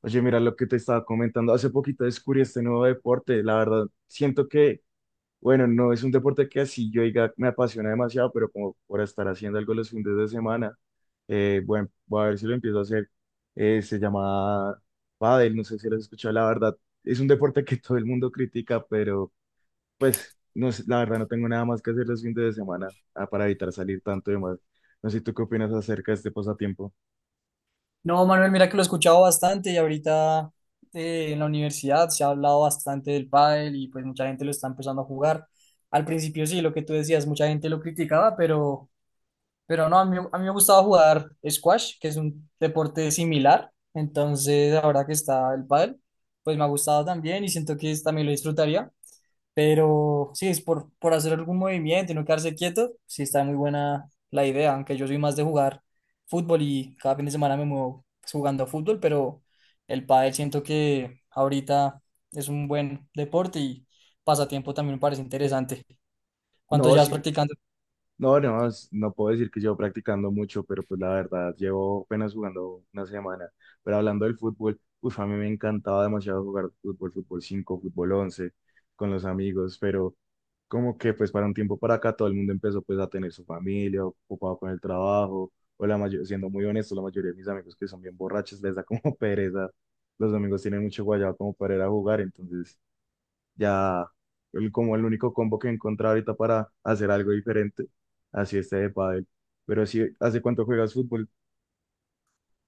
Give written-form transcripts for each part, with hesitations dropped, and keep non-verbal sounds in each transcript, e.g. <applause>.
Oye, mira lo que te estaba comentando. Hace poquito descubrí este nuevo deporte. La verdad, siento que, bueno, no es un deporte que así yo diga me apasiona demasiado, pero como por estar haciendo algo los fines de semana, bueno, voy a ver si lo empiezo a hacer. Se llama pádel, no sé si lo has escuchado. La verdad, es un deporte que todo el mundo critica, pero pues, no sé, la verdad, no tengo nada más que hacer los fines de semana para evitar salir tanto y más. No sé, ¿tú qué opinas acerca de este pasatiempo? No, Manuel, mira que lo he escuchado bastante y ahorita en la universidad se ha hablado bastante del pádel y pues mucha gente lo está empezando a jugar. Al principio sí, lo que tú decías, mucha gente lo criticaba, pero no, a mí me gustaba jugar squash, que es un deporte similar. Entonces, ahora que está el pádel, pues me ha gustado también y siento que también lo disfrutaría. Pero sí, es por hacer algún movimiento y no quedarse quieto. Sí, está muy buena la idea, aunque yo soy más de jugar fútbol y cada fin de semana me muevo pues, jugando fútbol, pero el pádel siento que ahorita es un buen deporte y pasatiempo también me parece interesante. ¿Cuánto No, llevas sí. practicando? No, no, no puedo decir que llevo practicando mucho, pero pues la verdad, llevo apenas jugando una semana. Pero hablando del fútbol, uff, a mí me encantaba demasiado jugar fútbol, fútbol 5, fútbol 11, con los amigos, pero como que pues para un tiempo para acá todo el mundo empezó pues a tener su familia, ocupado con el trabajo, o la mayoría, siendo muy honesto, la mayoría de mis amigos que son bien borrachos les da como <laughs> pereza. Los amigos tienen mucho guayado como para ir a jugar, entonces ya como el único combo que encontré ahorita para hacer algo diferente, así este de pádel. Pero, si, ¿hace cuánto juegas fútbol?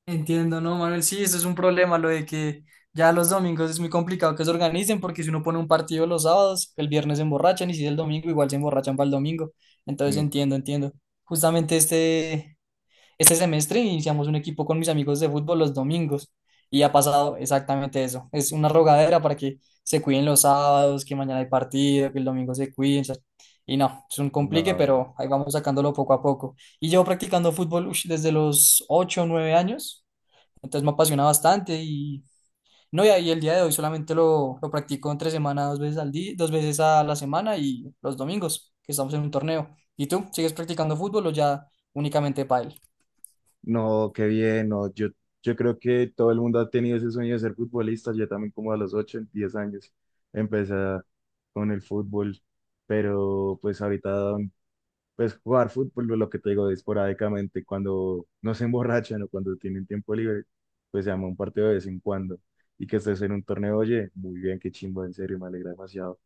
Entiendo, ¿no, Manuel? Sí, eso es un problema, lo de que ya los domingos es muy complicado que se organicen porque si uno pone un partido los sábados, el viernes se emborrachan y si es el domingo, igual se emborrachan para el domingo. Entonces Mm, entiendo. Justamente este semestre iniciamos un equipo con mis amigos de fútbol los domingos y ha pasado exactamente eso. Es una rogadera para que se cuiden los sábados, que mañana hay partido, que el domingo se cuiden, o sea. Y no, es un complique, no, pero ahí vamos sacándolo poco a poco. Y llevo practicando fútbol desde los 8 o 9 años. Entonces me apasiona bastante y no, y ahí el día de hoy solamente lo practico entre semana, dos veces al día, dos veces a la semana y los domingos, que estamos en un torneo. ¿Y tú sigues practicando fútbol o ya únicamente pádel? no, qué bien. No, yo, creo que todo el mundo ha tenido ese sueño de ser futbolista. Yo también como a los 8 10 años empecé con el fútbol, pero pues ahorita, pues jugar fútbol, lo que te digo, esporádicamente, cuando no se emborrachan o cuando tienen tiempo libre, pues se llama un partido de vez en cuando. Y que estés en un torneo, oye, muy bien, qué chimbo, en serio, me alegra demasiado.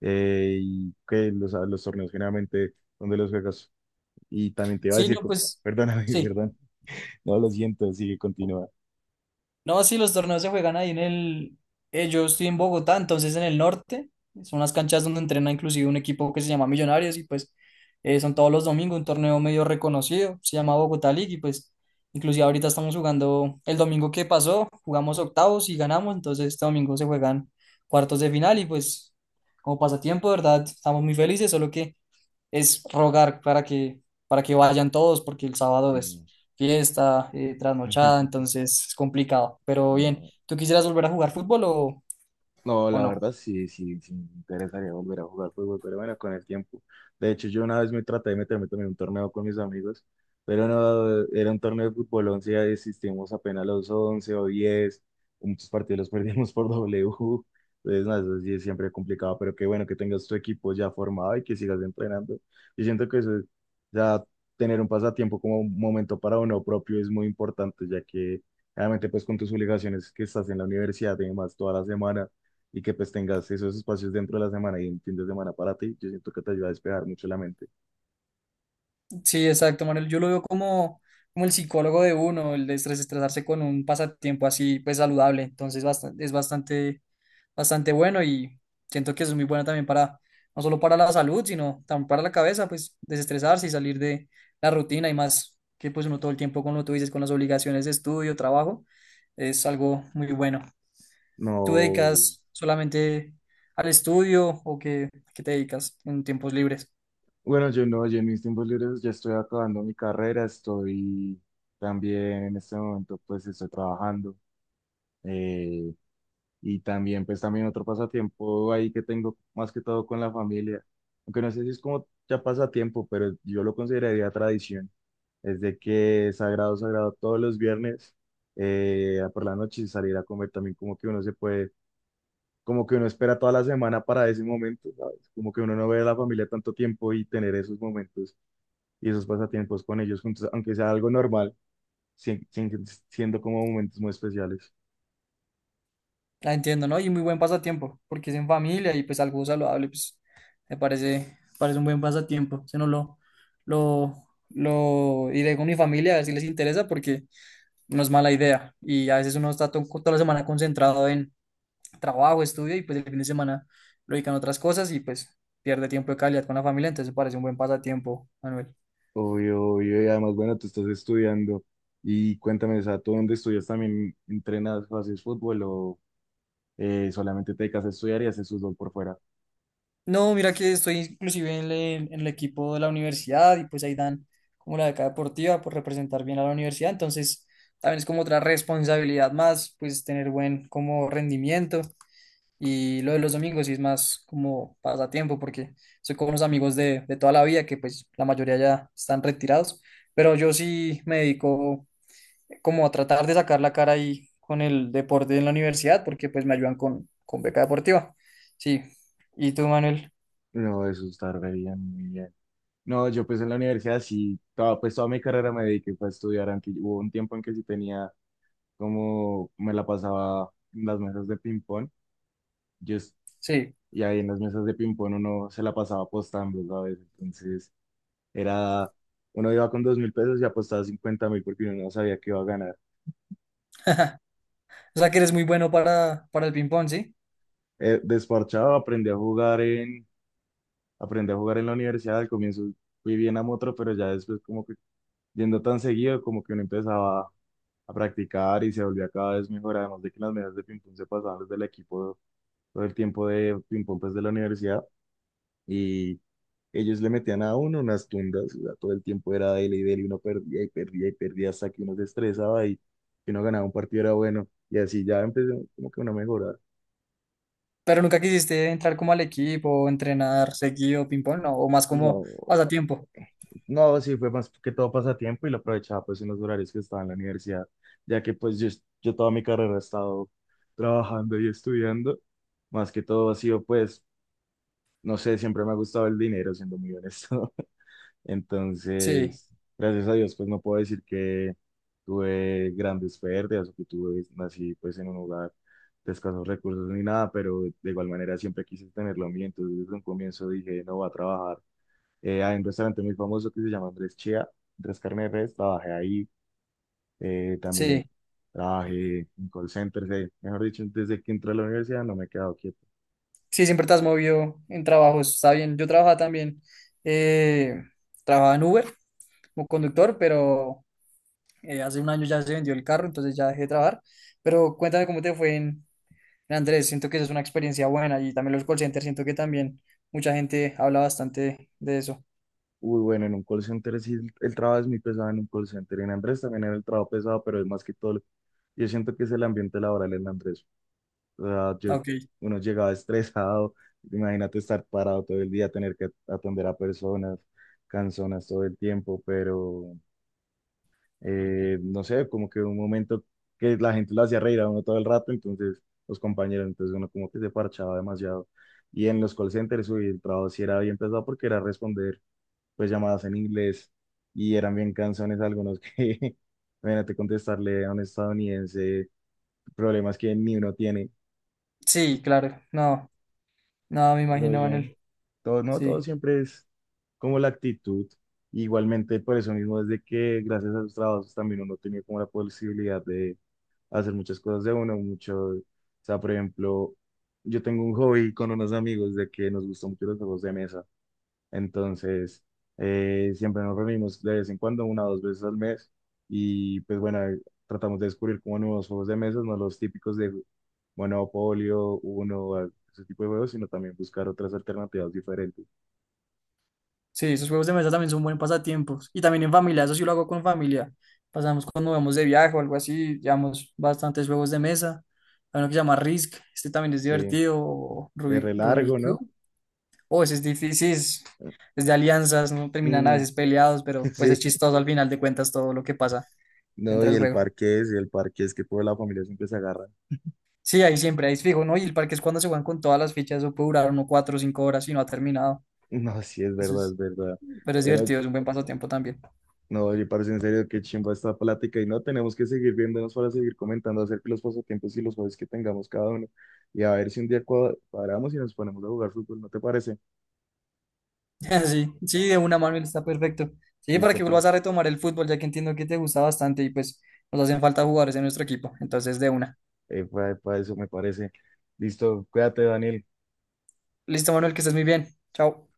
Y que los torneos generalmente, donde los juegas? Y también te iba a Sí, decir, no, pues perdóname, <laughs> sí. perdón, no, lo siento, sigue, continúa. No, sí, los torneos se juegan ahí en el... yo estoy en Bogotá, entonces en el norte. Son las canchas donde entrena inclusive un equipo que se llama Millonarios y pues son todos los domingos un torneo medio reconocido. Se llama Bogotá League y pues inclusive ahorita estamos jugando el domingo que pasó, jugamos octavos y ganamos, entonces este domingo se juegan cuartos de final y pues como pasatiempo, de ¿verdad? Estamos muy felices, solo que es rogar para que vayan todos, porque el sábado es Sí, fiesta, trasnochada, <laughs> entonces es complicado. Pero bien, no. ¿tú quisieras volver a jugar fútbol o, No, o la no? verdad, sí, sí, sí, me interesaría volver a jugar fútbol, pero bueno, con el tiempo. De hecho, yo una vez me traté de meterme también en un torneo con mis amigos, pero no, era un torneo de fútbol 11. Ya desistimos apenas, los 11 o 10 muchos partidos los <laughs> perdimos por W. Entonces, nada, eso sí es siempre complicado, pero qué bueno que tengas tu equipo ya formado y que sigas entrenando. Yo siento que eso, ya tener un pasatiempo como un momento para uno propio es muy importante, ya que... realmente, pues con tus obligaciones, que estás en la universidad y demás toda la semana, y que pues tengas esos espacios dentro de la semana y un fin de semana para ti, yo siento que te ayuda a despejar mucho la mente. Sí, exacto, Manuel. Yo lo veo como el psicólogo de uno, el de desestresarse con un pasatiempo así, pues saludable. Entonces, bastante bueno y siento que es muy bueno también no solo para la salud, sino también para la cabeza, pues desestresarse y salir de la rutina y más que pues uno todo el tiempo, como tú dices, con las obligaciones de estudio, trabajo, es algo muy bueno. ¿Tú No, dedicas solamente al estudio o qué te dedicas en tiempos libres? bueno, yo no, yo en mis tiempos libres, ya estoy acabando mi carrera, estoy también en este momento, pues estoy trabajando, eh, y también, pues también otro pasatiempo ahí que tengo más que todo con la familia, aunque no sé si es como ya pasatiempo, pero yo lo consideraría tradición, es de que sagrado, sagrado todos los viernes, por la noche salir a comer, también como que uno se puede, como que uno espera toda la semana para ese momento, ¿sabes? Como que uno no ve a la familia tanto tiempo y tener esos momentos y esos pasatiempos con ellos juntos, aunque sea algo normal, siendo como momentos muy especiales. La entiendo, ¿no? Y muy buen pasatiempo, porque es en familia y pues algo saludable, pues me parece un buen pasatiempo. Si no lo, lo iré con mi familia a ver si les interesa, porque no es mala idea. Y a veces uno está toda la semana concentrado en trabajo, estudio, y pues el fin de semana lo dedican a otras cosas y pues pierde tiempo de calidad con la familia, entonces parece un buen pasatiempo, Manuel. Obvio, obvio, y además, bueno, tú estás estudiando y cuéntame, o sea, ¿tú dónde estudias también? ¿Entrenas o haces fútbol o solamente te dedicas a estudiar y haces fútbol por fuera? No, mira que estoy inclusive en el equipo de la universidad y pues ahí dan como la beca deportiva por representar bien a la universidad. Entonces, también es como otra responsabilidad más, pues tener buen como rendimiento. Y lo de los domingos sí es más como pasatiempo porque soy con unos amigos de toda la vida que pues la mayoría ya están retirados. Pero yo sí me dedico como a tratar de sacar la cara ahí con el deporte en la universidad porque pues me ayudan con beca deportiva. Sí. ¿Y tú, Manuel? No, eso está re bien, muy bien. No, yo pues en la universidad sí, toda, pues toda mi carrera me dediqué fue a estudiar, aunque hubo un tiempo en que sí tenía, como me la pasaba en las mesas de ping-pong, yo, es- Sí. y ahí en las mesas de ping-pong uno se la pasaba apostando, ¿sabes? Entonces, era, uno iba con 2.000 pesos y apostaba 50.000 porque uno no sabía que iba a ganar. O sea que eres muy bueno para el ping-pong, ¿sí? Desparchado, aprendí a jugar en la universidad. Al comienzo fui bien a motro, pero ya después, como que yendo tan seguido, como que uno empezaba a practicar y se volvía cada vez mejor, además de que en las mesas de ping-pong se pasaban, desde el equipo todo el tiempo de ping-pong pues de la universidad, ellos le metían a uno unas tundas. O sea, todo el tiempo era dele y dele, y uno perdía y perdía y perdía hasta que uno se estresaba, y que uno ganaba un partido era bueno, y así ya empezó como que una mejora. Pero nunca quisiste entrar como al equipo, entrenar seguido ping-pong, ¿no? O más como No, pasatiempo. no, sí fue más que todo pasatiempo y lo aprovechaba pues en los horarios que estaba en la universidad, ya que pues yo toda mi carrera he estado trabajando y estudiando, más que todo ha sido pues, no sé, siempre me ha gustado el dinero, siendo muy honesto. Sí, Entonces, gracias a Dios, pues no puedo decir que tuve grandes pérdidas o que tuve, nací pues en un hogar de escasos recursos ni nada, pero de igual manera siempre quise tenerlo mío. Entonces, desde un comienzo dije, no, voy a trabajar. Hay un restaurante muy famoso que se llama Andrés Chía, Andrés Carne de Res, trabajé ahí. También sí. trabajé en call centers. Mejor dicho, desde que entré a la universidad, no me he quedado quieto. Sí, siempre te has movido en trabajos. Está bien. Yo trabajaba también. eh, Trabajaba en Uber como conductor, pero hace un año ya se vendió el carro, entonces ya dejé de trabajar. Pero cuéntame cómo te fue en Andrés. Siento que esa es una experiencia buena y también los call centers. Siento que también mucha gente habla bastante de eso. Uy, bueno, en un call center sí, el trabajo es muy pesado en un call center. En Andrés también era el trabajo pesado, pero es más que todo, yo siento que es el ambiente laboral en Andrés. O sea, Ok. uno llegaba estresado, imagínate estar parado todo el día, tener que atender a personas canzonas todo el tiempo, pero no sé, como que un momento que la gente lo hacía reír a uno todo el rato, entonces los compañeros, entonces uno como que se parchaba demasiado. Y en los call centers, uy, el trabajo sí era bien pesado porque era responder pues llamadas en inglés, y eran bien canzones algunos que, <laughs> imagínate contestarle a un estadounidense problemas que ni uno tiene. Sí, claro. No. No, me Pero imagino, bien, Manuel. todo, no, todo Sí. siempre es como la actitud. Igualmente, por eso mismo, desde que gracias a sus trabajos también uno tenía como la posibilidad de hacer muchas cosas de uno, mucho, o sea, por ejemplo, yo tengo un hobby con unos amigos de que nos gustan mucho los juegos de mesa. Entonces, siempre nos reunimos de vez en cuando, una o dos veces al mes, y pues bueno, tratamos de descubrir como nuevos juegos de mesa, no los típicos de Monopolio, Uno, ese tipo de juegos, sino también buscar otras alternativas diferentes. Sí, esos juegos de mesa también son buen pasatiempos. Y también en familia, eso sí lo hago con familia. Pasamos cuando vamos de viaje o algo así, llevamos bastantes juegos de mesa. Hay uno que se llama Risk, este también es Sí, divertido, o es re Rubik largo, ¿no? Cube. Oh, ese es difícil, es de alianzas, no terminan a Mm, veces peleados, <laughs> pero pues es sí, chistoso al final de cuentas todo lo que pasa no, dentro del juego. Y el parque es que toda la familia siempre se agarra. <laughs> Sí, ahí siempre, ahí es fijo, ¿no? Y el parque es cuando se juegan con todas las fichas, eso puede durar uno 4 o 5 horas y no ha terminado. No, sí, es Eso verdad, es, es verdad. pero es Pero divertido, es un buen pasatiempo también. no, oye, parece en serio que chimba esta plática, y no tenemos que seguir viéndonos para seguir comentando acerca de los pasatiempos y los hobbies que tengamos cada uno. Y a ver si un día cuadramos y nos ponemos a jugar fútbol, ¿no te parece? <laughs> Sí, sí, de una, Manuel, está perfecto. Sí, para Listo, que vuelvas a pues, retomar el fútbol, ya que entiendo que te gusta bastante y pues nos hacen falta jugadores en nuestro equipo. Entonces, de una. Eso me parece. Listo, cuídate, Daniel. Listo, Manuel, que estés muy bien. Chao.